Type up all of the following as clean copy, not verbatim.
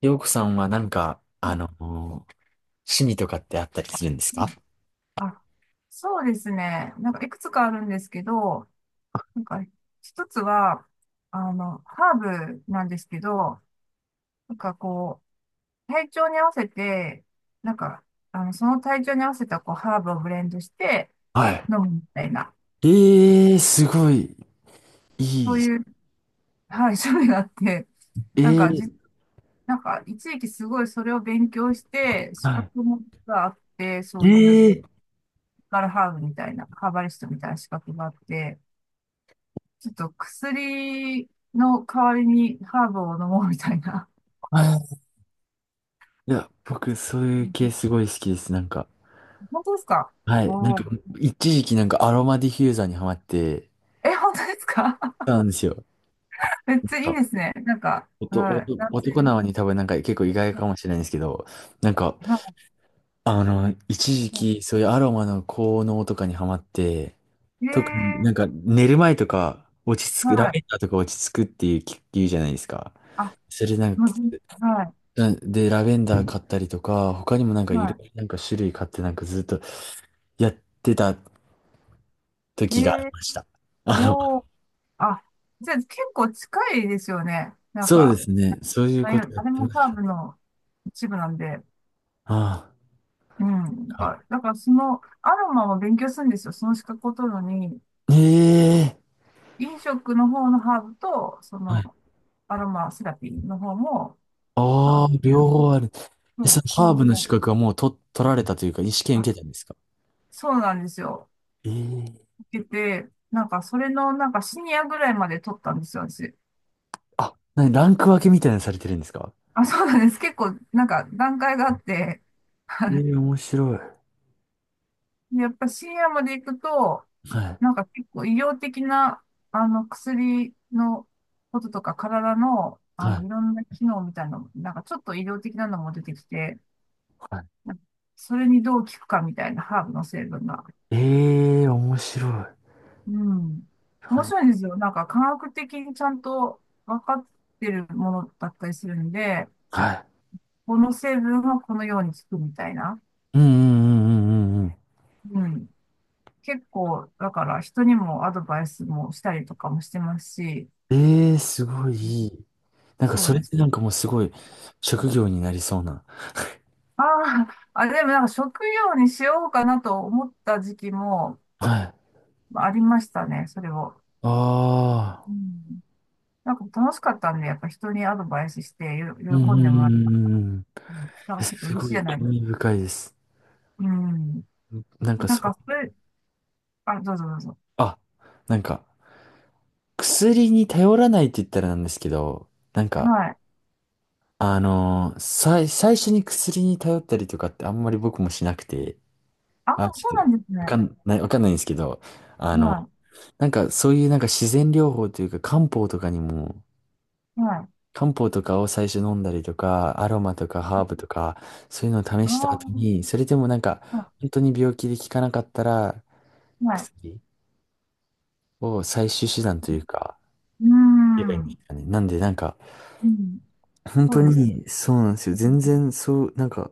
りょうこさんはなんか、はい趣味とかってあったりするんですか？はいあ、そうですね。なんかいくつかあるんですけど、なんか一つは、ハーブなんですけど、なんかこう、体調に合わせて、なんか、その体調に合わせたこう、ハーブをブレンドしてはい。飲むみたいな、ええー、すごい、いそうい。いう、はい、種類があって、えなんかえじ、ー。なんか一時期すごいそれを勉強して、資は格もがあって、そい。ういう、ええー。ガルハーブみたいな、ハーバリストみたいな資格があって、ちょっと薬の代わりにハーブを飲もうみたいな。はい。いや、僕、そういう系すごい好きです。なんか、本当ですか。はい。なんおか、ー。一時期なんかアロマディフューザーにハマって、え、本当ですか。 そうなんですよ。めっなんちゃいいかですね。なんか、おとおはい。と男男な性。のに多分なんか結構意外かはもしれないんですけど、なんか、一時期そういうアロマの効能とかにハマって、い。特にえなんか寝る前とか落ち着ー、く、ラはい。ベンダーとか落ち着くっていう言うじゃないですか。あ、それなんか、うん、はい。ラベンダー買ったりとか、他にもなんかいろはいろなんか種類買ってなんかずっとやってたい。え時がありー、ました。あの、おー。あ、じゃあ結構近いですよね。なんそうでか、すね。そういうあこれとやっあれてもまハしーブの一部なんで。た。あうん。だあ。から、そのアロマも勉強するんですよ。その資格を取るのに。ええ。飲食の方のハーブと、そはの、い。アロマセラピーの方も、なああ、んてい両う、方ある。え、そそう、のこハーブの資の、格はもう取られたというか、試験受あ、けたんですか？そうなんですよ。ええ。受けて、なんか、それの、なんか、シニアぐらいまで取ったんですよ、私。あ、なに、ランク分けみたいなのされてるんですか？あ、そうなんです。結構、なんか、段階があって、ええ、 面白い。でやっぱシニアまで行くと、はい。なんか結構医療的な、薬のこととか、体の、はい。いろんな機能みたいなのも、なんかちょっと医療的なのも出てきて、はい。それにどう効くかみたいなハーブの成分が。ええ、面白い。うん。は面い。白いんですよ。なんか科学的にちゃんと分かってるものだったりするんで、はい。この成分はこのように効くみたいな。うんうんうんうんうんううん。結構、だから人にもアドバイスもしたりとかもしてますし、ん。ええ、すごいいい。なんかそうそなれんっです。てなんかもうすごい職業になりそうな。ああ、あ、でもなんか食用にしようかなと思った時期もはい。ありましたね、それを。ああ。うん。なんか楽しかったんで、やっぱ人にアドバイスしてようんう喜んうんでもらってんうんうん。うん、なんかちょっとす嬉ごしいじいゃない興ですか。味深いです。うん。なんかなんそう、か、それ、あ、どうぞどうぞ。あ、なんか薬に頼らないって言ったらなんですけど、なんか、はい。最初に薬に頼ったりとかってあんまり僕もしなくて、ああ、あ、ちそうょっなと、んですわね。かんない、わかんないんですけど、あの、はなんかそういうなんか自然療法というか漢方とかにも、い。はい。漢方とかを最初飲んだりとか、アロマとかハーブとか、そういうのを試あした後に、それでもなんか、あ、あ本当に病気で効かなかったら、はい。薬を最終手段というか、う言えばいいんでん。すかね。なんでなんか、うん。本そ当うですね。にそうなんですよ。全然そう、なんか、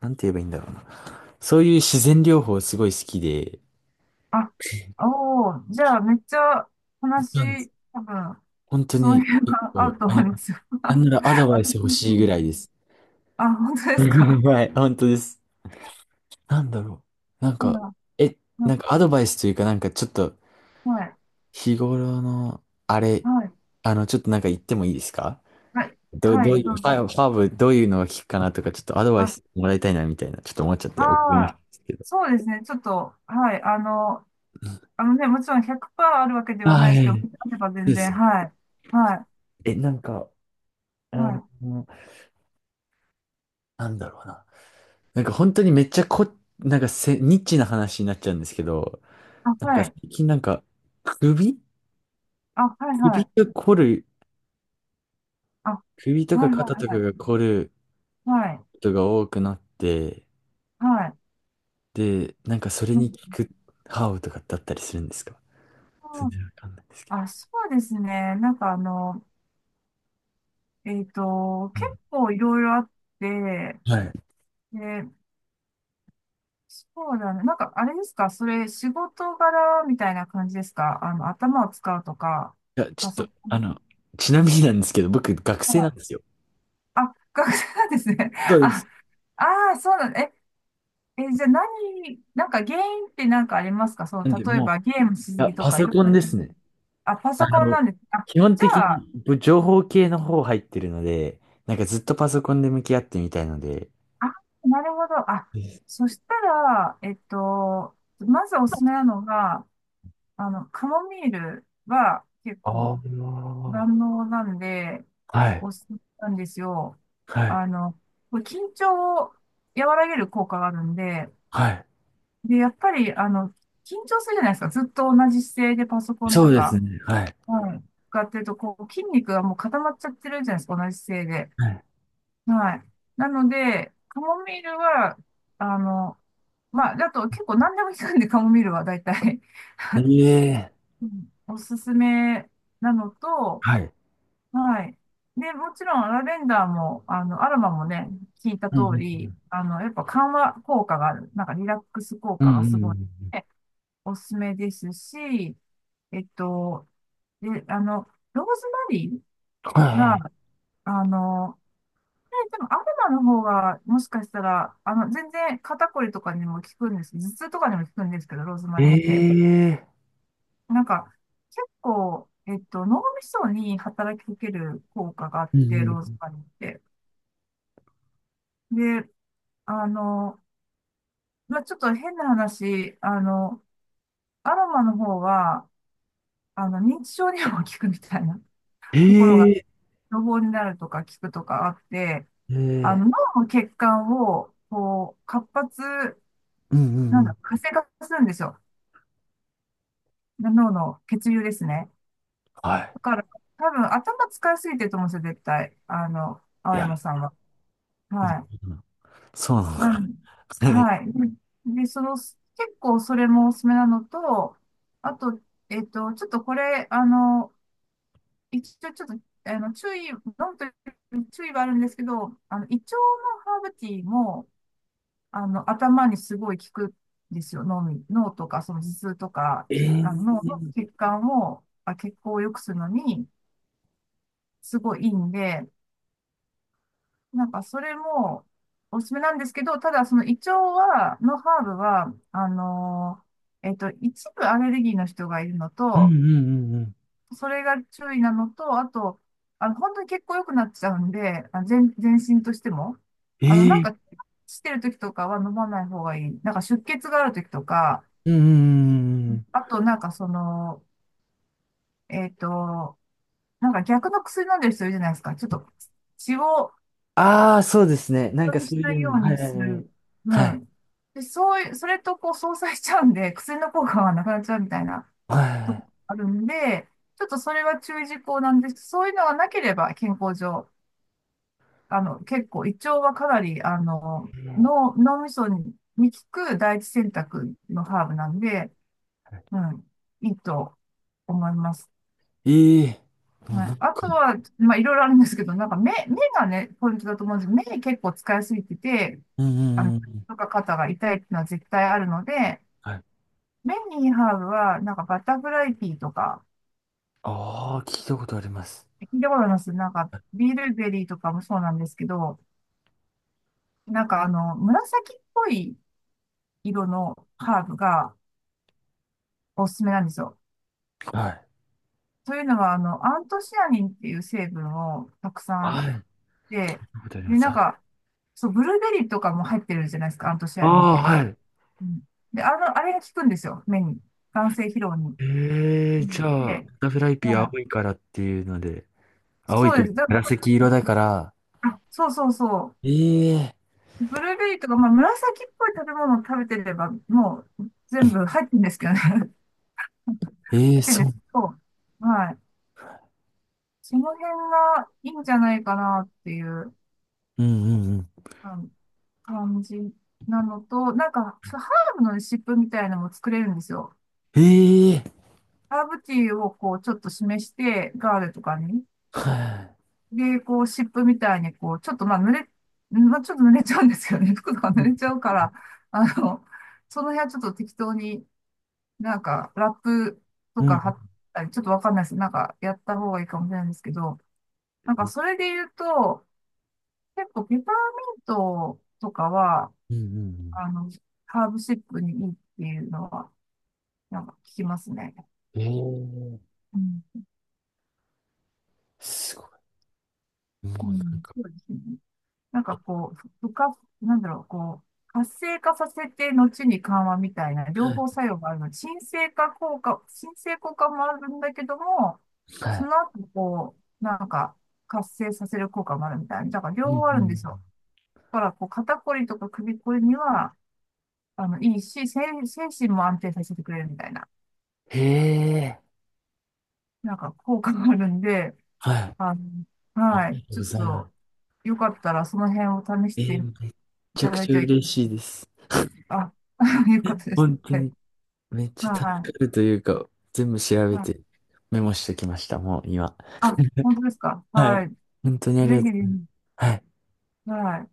なんて言えばいいんだろうな。そういう自然療法すごい好きで、あ、おおじゃあ、めっちゃ話、多分、本当そのに辺結が合構、うと思うんですよ。な んならアドバイ私ス欲もそしいぐう。らいです。あ、本当 ですか。はい、本当です。なんだろう。なんか、はえ、なんかアドバイスというか、なんかちょっとい。はい。日頃の、あれ、はい。ちょっとなんか言ってもいいですか？はい。はい。はどういいどう、フうァぞ。ブ、ファブどういうのを聞くかなとか、ちょっとアドバイあスもらいたいなみたいな、ちょっと思っちゃっあて、お伺いしであ、すけど。そうですね。ちょっと、はい。あのね、もちろん100%あるわけではないはですけい。ど、そあればう全で然、す。はい。はい。え、なんか、あはい。の、なんだろうな。なんか本当にめっちゃこ、なんかニッチな話になっちゃうんですけど、あ、なんはか最い。近なんか、首あ、はい、は首がい。凝る、あ、は首とい、かはい、肩とかはがい。凝るはい。ことが多くなって、はい。で、なんかそれうんに効くハーブとかってあったりするんですか？全然わかんないんですけど。あ、そうですね。なんかう結ん、構いろいろあって、はい。いで、そうだね。なんかあれですかそれ、仕事柄みたいな感じですか。頭を使うとか、や、ちパょっソと、コン。ちなみになんですけど、僕、学生はなんでい。すよ。あ、学生なんですね。そ うです。あ、ああ、そうなんだ。え、じゃあ何、なんか原因ってなんかありますか。その、なんで、例えもう、いばゲームしすや、ぎとパかいソろいコろあンるでの。すね。あ、パあソコンの、なんです。あ、基本じ的ゃあ、に情報系の方入ってるので、なんかずっとパソコンで向き合ってみたいので。あ、なるほど。あ、です。そしたら、まずおすすめなのが、カモミールは結あ構あ、万能なんで、はい、おすすめなんですよ。はい、あの、これ緊張を和らげる効果があるんで、はい。で、やっぱり、緊張するじゃないですか。ずっと同じ姿勢でパソコンそうとですか、ね。はい。はい。かっていうと、こう、筋肉がもう固まっちゃってるじゃないですか、同じ姿勢で。はい。はい。なので、カモミールは、あの、まあ、だと結構何でも効くんで、カモミールは大体、ええ。うんおすすめなのと、はい。はい。で、もちろん、ラベンダーも、アロマもね、聞いたうん通うんり、やっぱ緩和効果がある。なんかリラックス効うん。果うんがうんうすんごいのうん。で、おすすめですし、えっと、で、ローズマリーはが、あの、でも、アロマの方が、もしかしたら、全然肩こりとかにも効くんです。頭痛とかにも効くんですけど、ローズマい、えリーって。え、はい。なんか、結構、脳みそに働きかける効果があっうて、んローうズん、マリーって。で、あの、まあ、ちょっと変な話、アロマの方は、認知症にも効くみたいな え ところが、え、予防になるとか効くとかあって、うん。ええ。脳の血管を、こう、活発、うんうんうなんん。だ、活性化するんですよ。脳の血流ですね。はい。だから、多分頭使いすぎてると思うんですよ、絶対。い青なや、る山さんは。はほど。そうなのい。なか。ん、はい。で、その、結構それもおすすめなのと、あと、ちょっとこれ、一応ちょっと、注意、飲むという注意はあるんですけど、胃腸のハーブティーも、頭にすごい効くんですよ。脳に、脳とか、その頭痛とか、えけ、あの、脳え、の血管を、あ、血行を良くするのに、すごいいいんで、なんかそれもおすすめなんですけど、ただその胃腸は、のハーブは、一部アレルギーの人がいるのうと、んうん、それが注意なのと、あと、本当に結構良くなっちゃうんで、全身としても、なんえ。か、してる時とかは飲まない方がいい。なんか出血がある時とうんうんうん、はい、いや、そうん。え、ええ、うんうんうんうん、ええ、うんうんか、うんうん。あとなんかその、えっと、なんか逆の薬飲んでる人いるじゃないですか。ちょっと血をああ、そうですね。なんかにそしういなういよの。うはいにはいすはい。る。うはん。で、そういう、それとこう相殺しちゃうんで、薬の効果がなくなっちゃうみたいなとこい。あるんで、ちょっとそれは注意事項なんですけど、そういうのがなければ健康上、結構胃腸はかなり、脳、脳みそに、効く第一選択のハーブなんで、はい。うん、いいと思います。ええ、もうはなんい、あか、とは、まあ、いろいろあるんですけど、なんか目、目がね、ポイントだと思うんですけど、目結構使いすぎてて、うんうあの、んうん。とか肩が痛いっていうのは絶対あるので、はい。メンニーハーブは、なんかバタフライピーとか、ああ、聞いたことあります。聞いたことありますなんか、ビールベリーとかもそうなんですけど、なんか紫っぽい色のハーブがおすすめなんですよ。はい。というのは、アントシアニンっていう成分をたくさんはい。聞で、いたことありで、ます。なんあか、そう、ブルーベリーとかも入ってるじゃないですか、アントシあ、アニンって。はい。うん、で、あれが効くんですよ、目に。眼性疲労に。えうえ、じゃんあ、バで、タフライピだーから青いからっていうので、青いそとういうでかす。だ紫色だから、あ、そうそうそええう。ブルーベリーとか、まあ、紫っぽい食べ物を食べてれば、もう全部入ってるんですけどね。入ええ、ってるんでそすけう。ど、はい。その辺がいいんじゃないかなっていう、うんうんうん。あの感じなのと、なんか、そうハーブのレシピみたいなのも作れるんですよ。ええ、ハーブティーをこう、ちょっと示して、ガールとかに。はで、こう、シップみたいに、こう、ちょっとまあ、濡れ、まあ、ちょっと濡れちゃうんですよね。服とか濡れちい。ゃうから、あの、その辺はちょっと適当になんか、ラップうとんうかん貼ったり、ちょっとわかんないです。なんか、やった方がいいかもしれないんですけど、なんか、それで言うと、結構、ペパーミントとかは、うんうんあの、ハーブシップにいいっていうのは、なんか、聞きますね。うん。ええ、うん。すごい。うもうなんん。か、そうですね。なんかこう、不活なんだろう、こう、活性化させて、後に緩和みたいな、両方作用があるので。鎮静化効果、鎮静効果もあるんだけども、はそい。の後、こう、なんか、活性させる効果もあるみたいな。だから、うん両方あうんるうんでん。すよ。だから、こう、肩こりとか首こりには、いいし、精神も安定させてくれるみたいな、へえ、なんか、効果があるんで、はい。あの、ありはい、がとうちごょっざいます。と、よかったら、その辺を試しえてー、めっいちたゃくだちゃきゃい、嬉しいです。あ、いうことです。本当はいにめっちゃ助はかるというか、全部調い。べはてい。メモしてきました、もう今。あ、本当ですか。ははい。い。本当にあぜりがとうございます。ひ、はい。はい。